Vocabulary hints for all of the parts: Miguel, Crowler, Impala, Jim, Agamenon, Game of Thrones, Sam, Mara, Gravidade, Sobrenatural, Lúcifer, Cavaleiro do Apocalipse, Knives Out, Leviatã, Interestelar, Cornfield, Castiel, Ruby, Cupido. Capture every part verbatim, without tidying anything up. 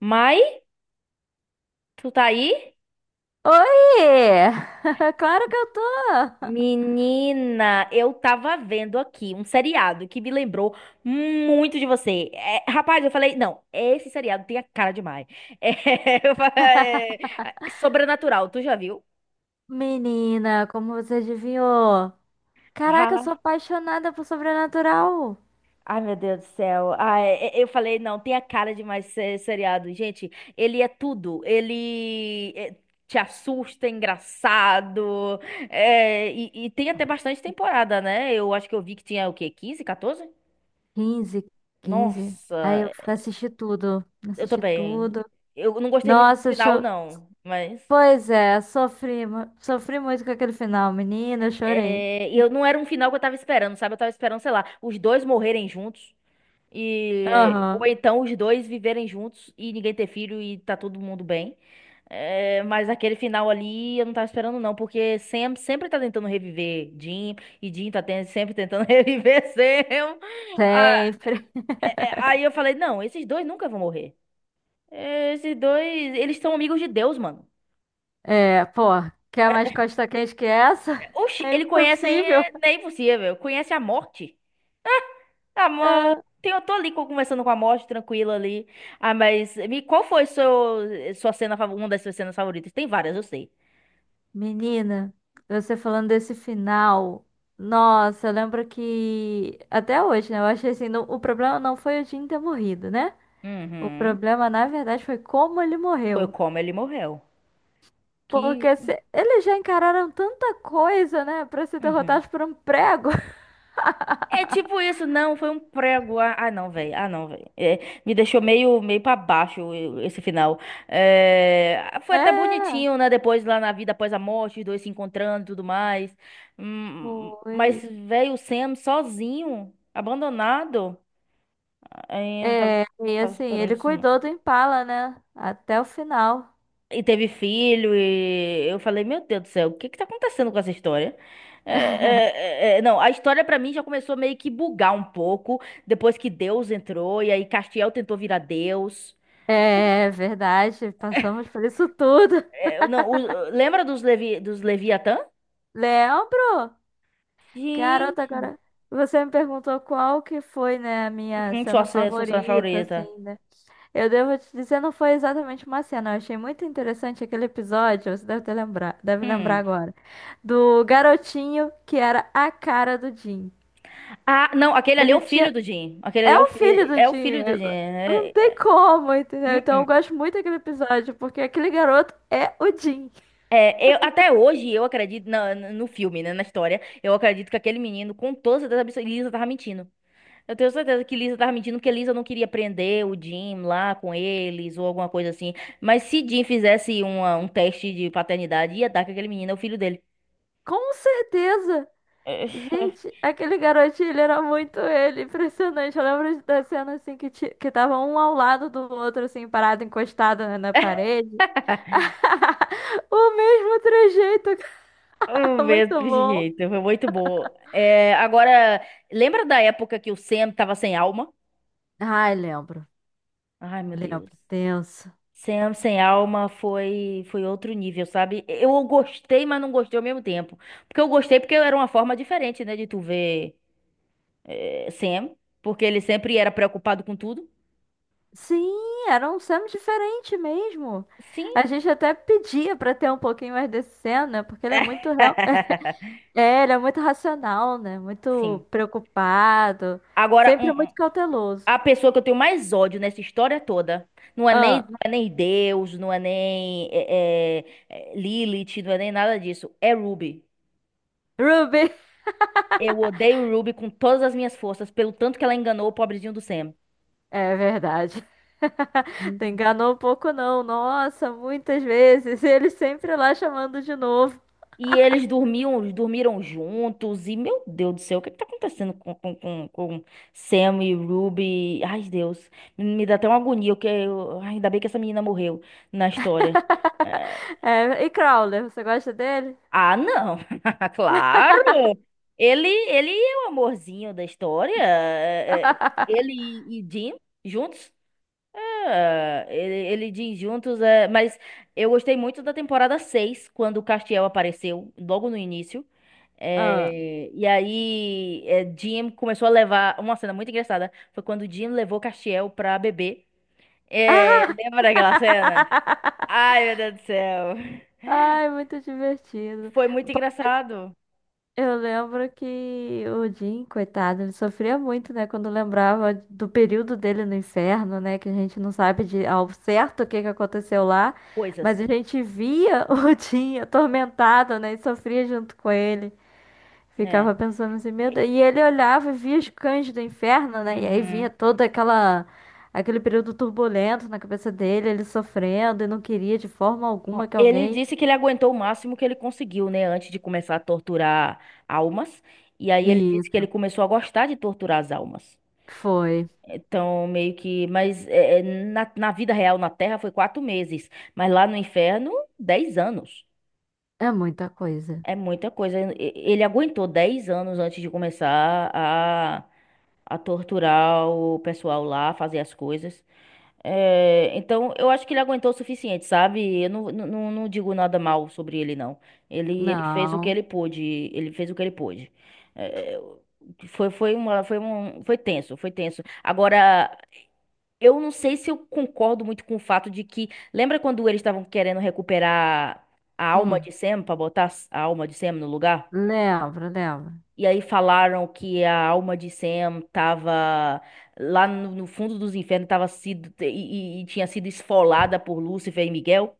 Mai, tu tá aí? Oi! Claro que eu tô! Menina, eu tava vendo aqui um seriado que me lembrou muito de você. É, rapaz, eu falei, não, esse seriado tem a cara de Mai. É, eu fa- é, Sobrenatural, tu já viu? Menina, como você adivinhou? Caraca, eu sou Ah, apaixonada por Sobrenatural! ai, meu Deus do céu. Ai, e- eu falei, não, tem a cara de mais se- seriado. Gente, ele é tudo. Ele é, te assusta, é engraçado. é, e, e tem até bastante temporada, né? Eu acho que eu vi que tinha o quê? Quinze, quatorze? Quinze, quinze. Aí eu Nossa, assisti tudo, eu assisti também. tudo. Eu não gostei muito do Nossa, final, cho... não. Mas. pois é, sofri, mu- sofri muito com aquele final, menina, eu chorei. É, e eu não era um final que eu tava esperando, sabe? Eu tava esperando, sei lá, os dois morrerem juntos. E, ou Aham, então os dois viverem juntos e ninguém ter filho e tá todo mundo bem. É, mas aquele final ali eu não tava esperando, não, porque Sam sempre tá tentando reviver Jim e Jim tá ten- sempre tentando reviver Sam. Ah, sempre. é, aí eu falei, não, esses dois nunca vão morrer. Esses dois, eles são amigos de Deus, mano. É, pô, quer mais costa quente que essa? Oxi, É ele conhece, hein? impossível. É, não é impossível. Conhece a morte? Ah, mas Ah, eu tô ali co- conversando com a morte, tranquila ali. Ah, mas me, qual foi seu, sua cena, favo- uma das suas cenas favoritas? Tem várias, eu sei. menina, você falando desse final, nossa, eu lembro que até hoje, né? Eu achei assim, não- o problema não foi o Jim ter morrido, né? O Uhum. problema, na verdade, foi como ele Foi morreu. como ele morreu. Que. Porque se- eles já encararam tanta coisa, né? Pra ser Uhum. derrotados por um prego. É tipo isso, não, foi um prego. Ah, ah, não, velho. Ah, não, velho. É, me deixou meio, meio pra baixo eu- esse final. É, foi até É, bonitinho, né? Depois lá na vida após a morte, os dois se encontrando e tudo mais. Hum, mas foi. veio o Sam sozinho, abandonado. Aí eu não tava, É, e tava assim, ele esperando isso. cuidou do Impala, né? Até o final. E teve filho, e eu falei, meu Deus do céu, o que que tá acontecendo com essa história? É, é, é, é, não, a história pra mim já começou meio que bugar um pouco depois que Deus entrou e aí Castiel tentou virar Deus. É verdade, passamos por isso tudo. Eu não, o- lembra dos Levi, dos Leviatã? Lembro? Garota, Gente. agora você me perguntou qual que foi, né, a minha Uhum, sua, cena ce- sua cena favorita, favorita. assim, né? Eu devo te dizer, não foi exatamente uma cena. Eu achei muito interessante aquele episódio, você deve ter lembrar, deve lembrar Hum. agora, do garotinho que era a cara do Jim. Ah, não, aquele ali é o Ele tinha. filho do Jim. Aquele ali É é o o filho filho, do é o Jim. filho do Jim. eu- Não É, tem é, como, entendeu? hum, Então eu hum. gosto muito daquele episódio, porque aquele garoto é o Jim. É, eu, até hoje eu acredito na- na- no filme, né, na história, eu acredito que aquele menino, com toda certeza absoluta, Lisa tava mentindo. Eu tenho certeza que Lisa tava mentindo, porque Lisa não queria prender o Jim lá com eles ou alguma coisa assim. Mas se Jim fizesse uma- um teste de paternidade, ia dar que aquele menino é o filho dele. Com certeza. Gente, aquele garotinho, ele era muito ele, impressionante. Eu lembro da cena assim que, ti- que tava um ao lado do outro, assim, parado, encostado na na parede. O mesmo trejeito. É, o Muito mesmo bom. jeito, foi muito bom. É, agora, lembra da época que o Sam tava sem alma? Ai, lembro, Ai, meu Deus. lembro, tenso. Sam sem alma foi foi outro nível, sabe? Eu gostei, mas não gostei ao mesmo tempo. Porque eu gostei porque era uma forma diferente, né, de tu ver eh, Sam, porque ele sempre era preocupado com tudo. Sim, era um Sam diferente mesmo. Sim. A gente até pedia pra ter um pouquinho mais de cena, né, porque ele é muito real. É, ele é muito racional, né? Muito Sim. preocupado, Agora, um- sempre um- muito cauteloso. a pessoa que eu tenho mais ódio nessa história toda não é nem, não é nem Deus, não é nem eh, eh, eh, Lilith, não é nem nada disso. É Ruby. Ruby, Eu odeio Ruby com todas as minhas forças, pelo tanto que ela enganou o pobrezinho do Sam. é verdade. Tu enganou um pouco, não. Nossa, muitas vezes. Ele sempre lá chamando de novo. E eles dormiam, dormiram juntos. E, meu Deus do céu, o que que tá acontecendo com, com, com, com Sam e Ruby? Ai, Deus. Me dá até uma agonia, porque eu, ai, ainda bem que essa menina morreu na história. É, É, e Crowler, você gosta dele? ah, não. Claro. Ele, ele é o amorzinho da história. É, é, Ele e Jim juntos. Ah, Ele, ele diz juntos, é, mas eu gostei muito da temporada seis quando o Castiel apareceu, logo no início. Ah. É, e aí, é, Jim começou a levar. Uma cena muito engraçada foi quando Jim levou Castiel pra beber. É, lembra daquela cena? Ai, meu Deus do céu. Ai, muito divertido. Foi muito Pô, mas engraçado. eu lembro que o Jim, coitado, ele sofria muito, né? Quando lembrava do período dele no inferno, né? Que a gente não sabe de ao certo o que que aconteceu lá. Coisas, Mas a gente via o Jim atormentado, né? E sofria junto com ele. Ficava né? pensando assim, meu Deus. E ele olhava e via os cães do inferno, né? E aí vinha Uhum. toda aquela, aquele período turbulento na cabeça dele, ele sofrendo e não queria de forma alguma Bom, que ele alguém. disse que ele aguentou o máximo que ele conseguiu, né, antes de começar a torturar almas. E aí ele E disse que ele começou a gostar de torturar as almas. foi. Então, meio que. Mas é, é, na, na vida real, na Terra, foi quatro meses. Mas lá no inferno, dez anos. É muita coisa. É muita coisa. E- Ele aguentou dez anos antes de começar a, a torturar o pessoal lá, fazer as coisas. É, então, eu acho que ele aguentou o suficiente, sabe? Eu não, não, não não digo nada mal sobre ele, não. Ele, ele fez o que Não. ele pôde. Ele fez o que ele pôde. É, foi, foi uma, foi um, foi tenso, foi tenso. Agora, eu não sei se eu concordo muito com o fato de que. Lembra quando eles estavam querendo recuperar a alma Hum, de Sam pra botar a alma de Sam no lugar? lembro, lembro. E aí falaram que a alma de Sam tava lá no, no fundo dos infernos, tava sido e, e- e tinha sido esfolada por Lúcifer e Miguel.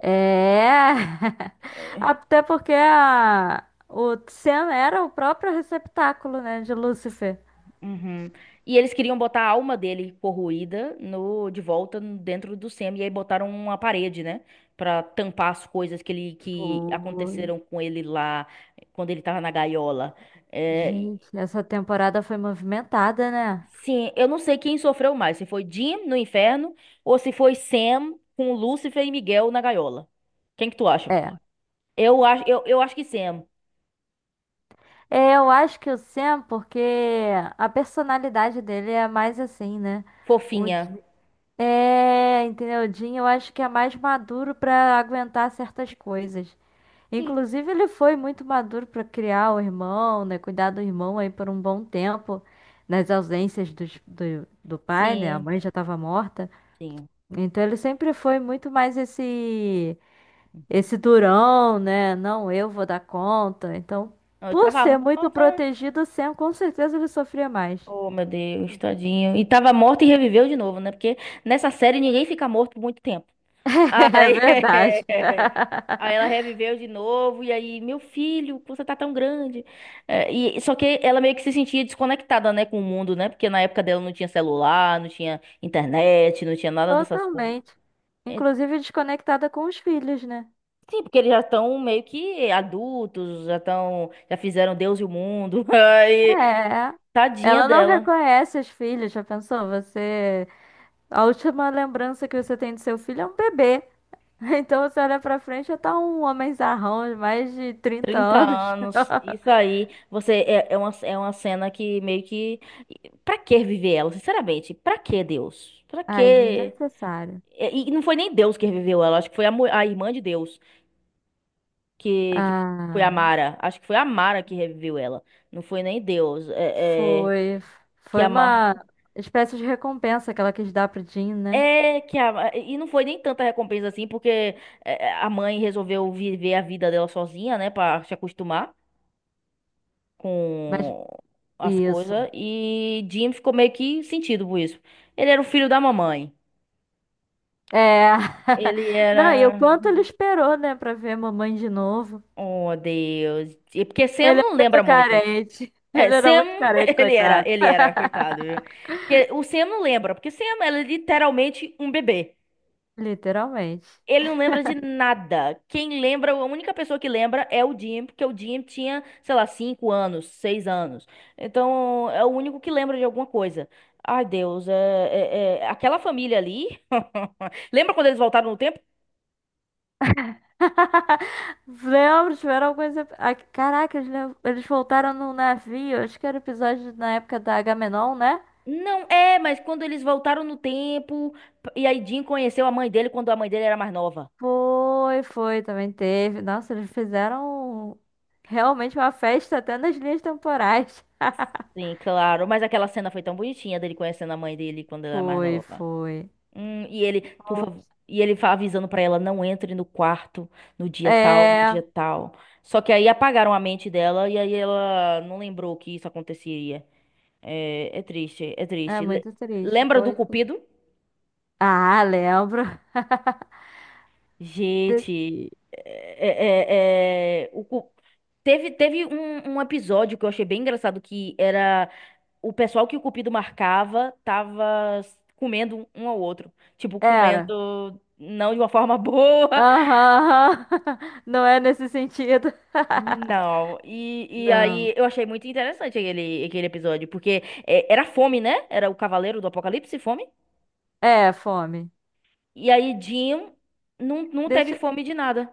É. Até porque a... o Sam era o próprio receptáculo, né, de Lúcifer. Uhum. E eles queriam botar a alma dele corroída no de volta no- dentro do Sam e aí botaram uma parede, né, pra tampar as coisas que ele que Foi. aconteceram com ele lá quando ele tava na gaiola. É, Gente, essa temporada foi movimentada, né? sim, eu não sei quem sofreu mais, se foi Jim no inferno ou se foi Sam com Lúcifer e Miguel na gaiola. Quem que tu acha? É. Eu acho, eu, eu acho que Sam, É, eu acho que o Sam, porque a personalidade dele é mais assim, né? O, fofinha. é, entendeu? O Jim, eu acho que é mais maduro pra aguentar certas coisas. Sim, Inclusive, ele foi muito maduro pra criar o irmão, né? Cuidar do irmão aí por um bom tempo, nas ausências dos- do, do pai, né? A sim, mãe já tava morta. sim. Então, ele sempre foi muito mais esse. Uhum. Esse durão, né? Não, eu vou dar conta. Então, Não, eu por tava ser muito morta. protegido, o Sam com certeza ele sofria mais. Oh, meu Deus, tadinho. E tava morta e reviveu de novo, né? Porque nessa série ninguém fica morto por muito tempo. É Ai, verdade. aí ela reviveu de novo, e aí, meu filho, você tá tão grande. É, e, só que ela meio que se sentia desconectada, né, com o mundo, né? Porque na época dela não tinha celular, não tinha internet, não tinha nada dessas coisas. Totalmente. É, Inclusive desconectada com os filhos, né? sim, porque eles já estão meio que adultos, já estão, já fizeram Deus e o mundo. Aí, É. tadinha Ela não dela, reconhece os filhos, já pensou? Você. A última lembrança que você tem do seu filho é um bebê. Então você olha pra frente, já tá um homenzarrão de mais de trinta trinta anos. anos, isso aí. Você é, é uma, é uma cena que meio que. Pra que viver ela, sinceramente? Pra que Deus? Pra que. Ai, E, desnecessário. e não foi nem Deus que reviveu ela, acho que foi a, mu- a irmã de Deus que, que foi a Ah. Mara. Acho que foi a Mara que reviveu ela. Não foi nem Deus. É, é, Foi, que foi a Ma- uma espécie de recompensa que ela quis dar pro Jim, né? É, que a. E não foi nem tanta recompensa assim, porque é, é, a mãe resolveu viver a vida dela sozinha, né, pra se acostumar Mas com as isso. coisas. E Jim ficou meio que sentido por isso. Ele era o filho da mamãe. É. Ele Não, e o era. quanto ele esperou, né, pra ver a mamãe de novo. Oh, Deus. E porque Sam Ele é não lembra muito muito. carente. É, Ele era Sam, muito carente, ele era, coitado. ele era, coitado, viu? Porque o Sam não lembra, porque Sam é literalmente um bebê. Literalmente. Ele não lembra de nada. Quem lembra, a única pessoa que lembra é o Jim, porque o Jim tinha, sei lá, cinco anos, seis anos. Então, é o único que lembra de alguma coisa. Ai, Deus, é, é- é- aquela família ali. Lembra quando eles voltaram no tempo? Lembro, tiveram alguns. ep- ah, caraca, eles, lev- eles voltaram no navio. Acho que era episódio na época da Agamenon, né? Não, é, mas quando eles voltaram no tempo, e aí Jim conheceu a mãe dele quando a mãe dele era mais nova. Foi, foi, também teve. Nossa, eles fizeram realmente uma festa até nas linhas temporais. Sim, claro. Mas aquela cena foi tão bonitinha dele conhecendo a mãe dele quando ela era mais Foi, nova. foi. Hum, e ele, por favor, e ele fa- avisando pra ela, não entre no quarto no dia tal, no É, dia tal. Só que aí apagaram a mente dela e aí ela não lembrou que isso aconteceria. É, é triste, é é triste. Le- muito triste, Lembra do pois. Cupido? Ah, lembro. De- Gente, é, é- é- é, o cu- teve, teve um, um episódio que eu achei bem engraçado, que era o pessoal que o Cupido marcava tava s- comendo um um ao outro. Tipo, Era. comendo não de uma forma boa. Aham. Não é nesse sentido. Não. E, e Não. aí eu achei muito interessante aquele, aquele episódio, porque é, era fome, né? Era o Cavaleiro do Apocalipse, fome. É, fome. E aí Jim não, não teve Deixa, fome de nada.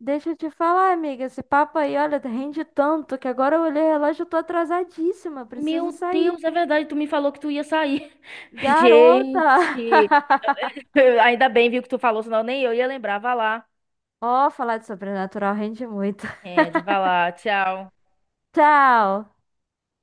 deixa eu te falar, amiga. Esse papo aí, olha, rende tanto que agora eu olhei o relógio e tô atrasadíssima. Preciso Meu sair. Deus, é verdade, tu me falou que tu ia sair. Garota! Gente, ainda bem, viu, que tu falou, senão nem eu ia lembrar. Vá lá. Ó, falar de sobrenatural rende muito. É, de vá lá. Tchau. Tchau!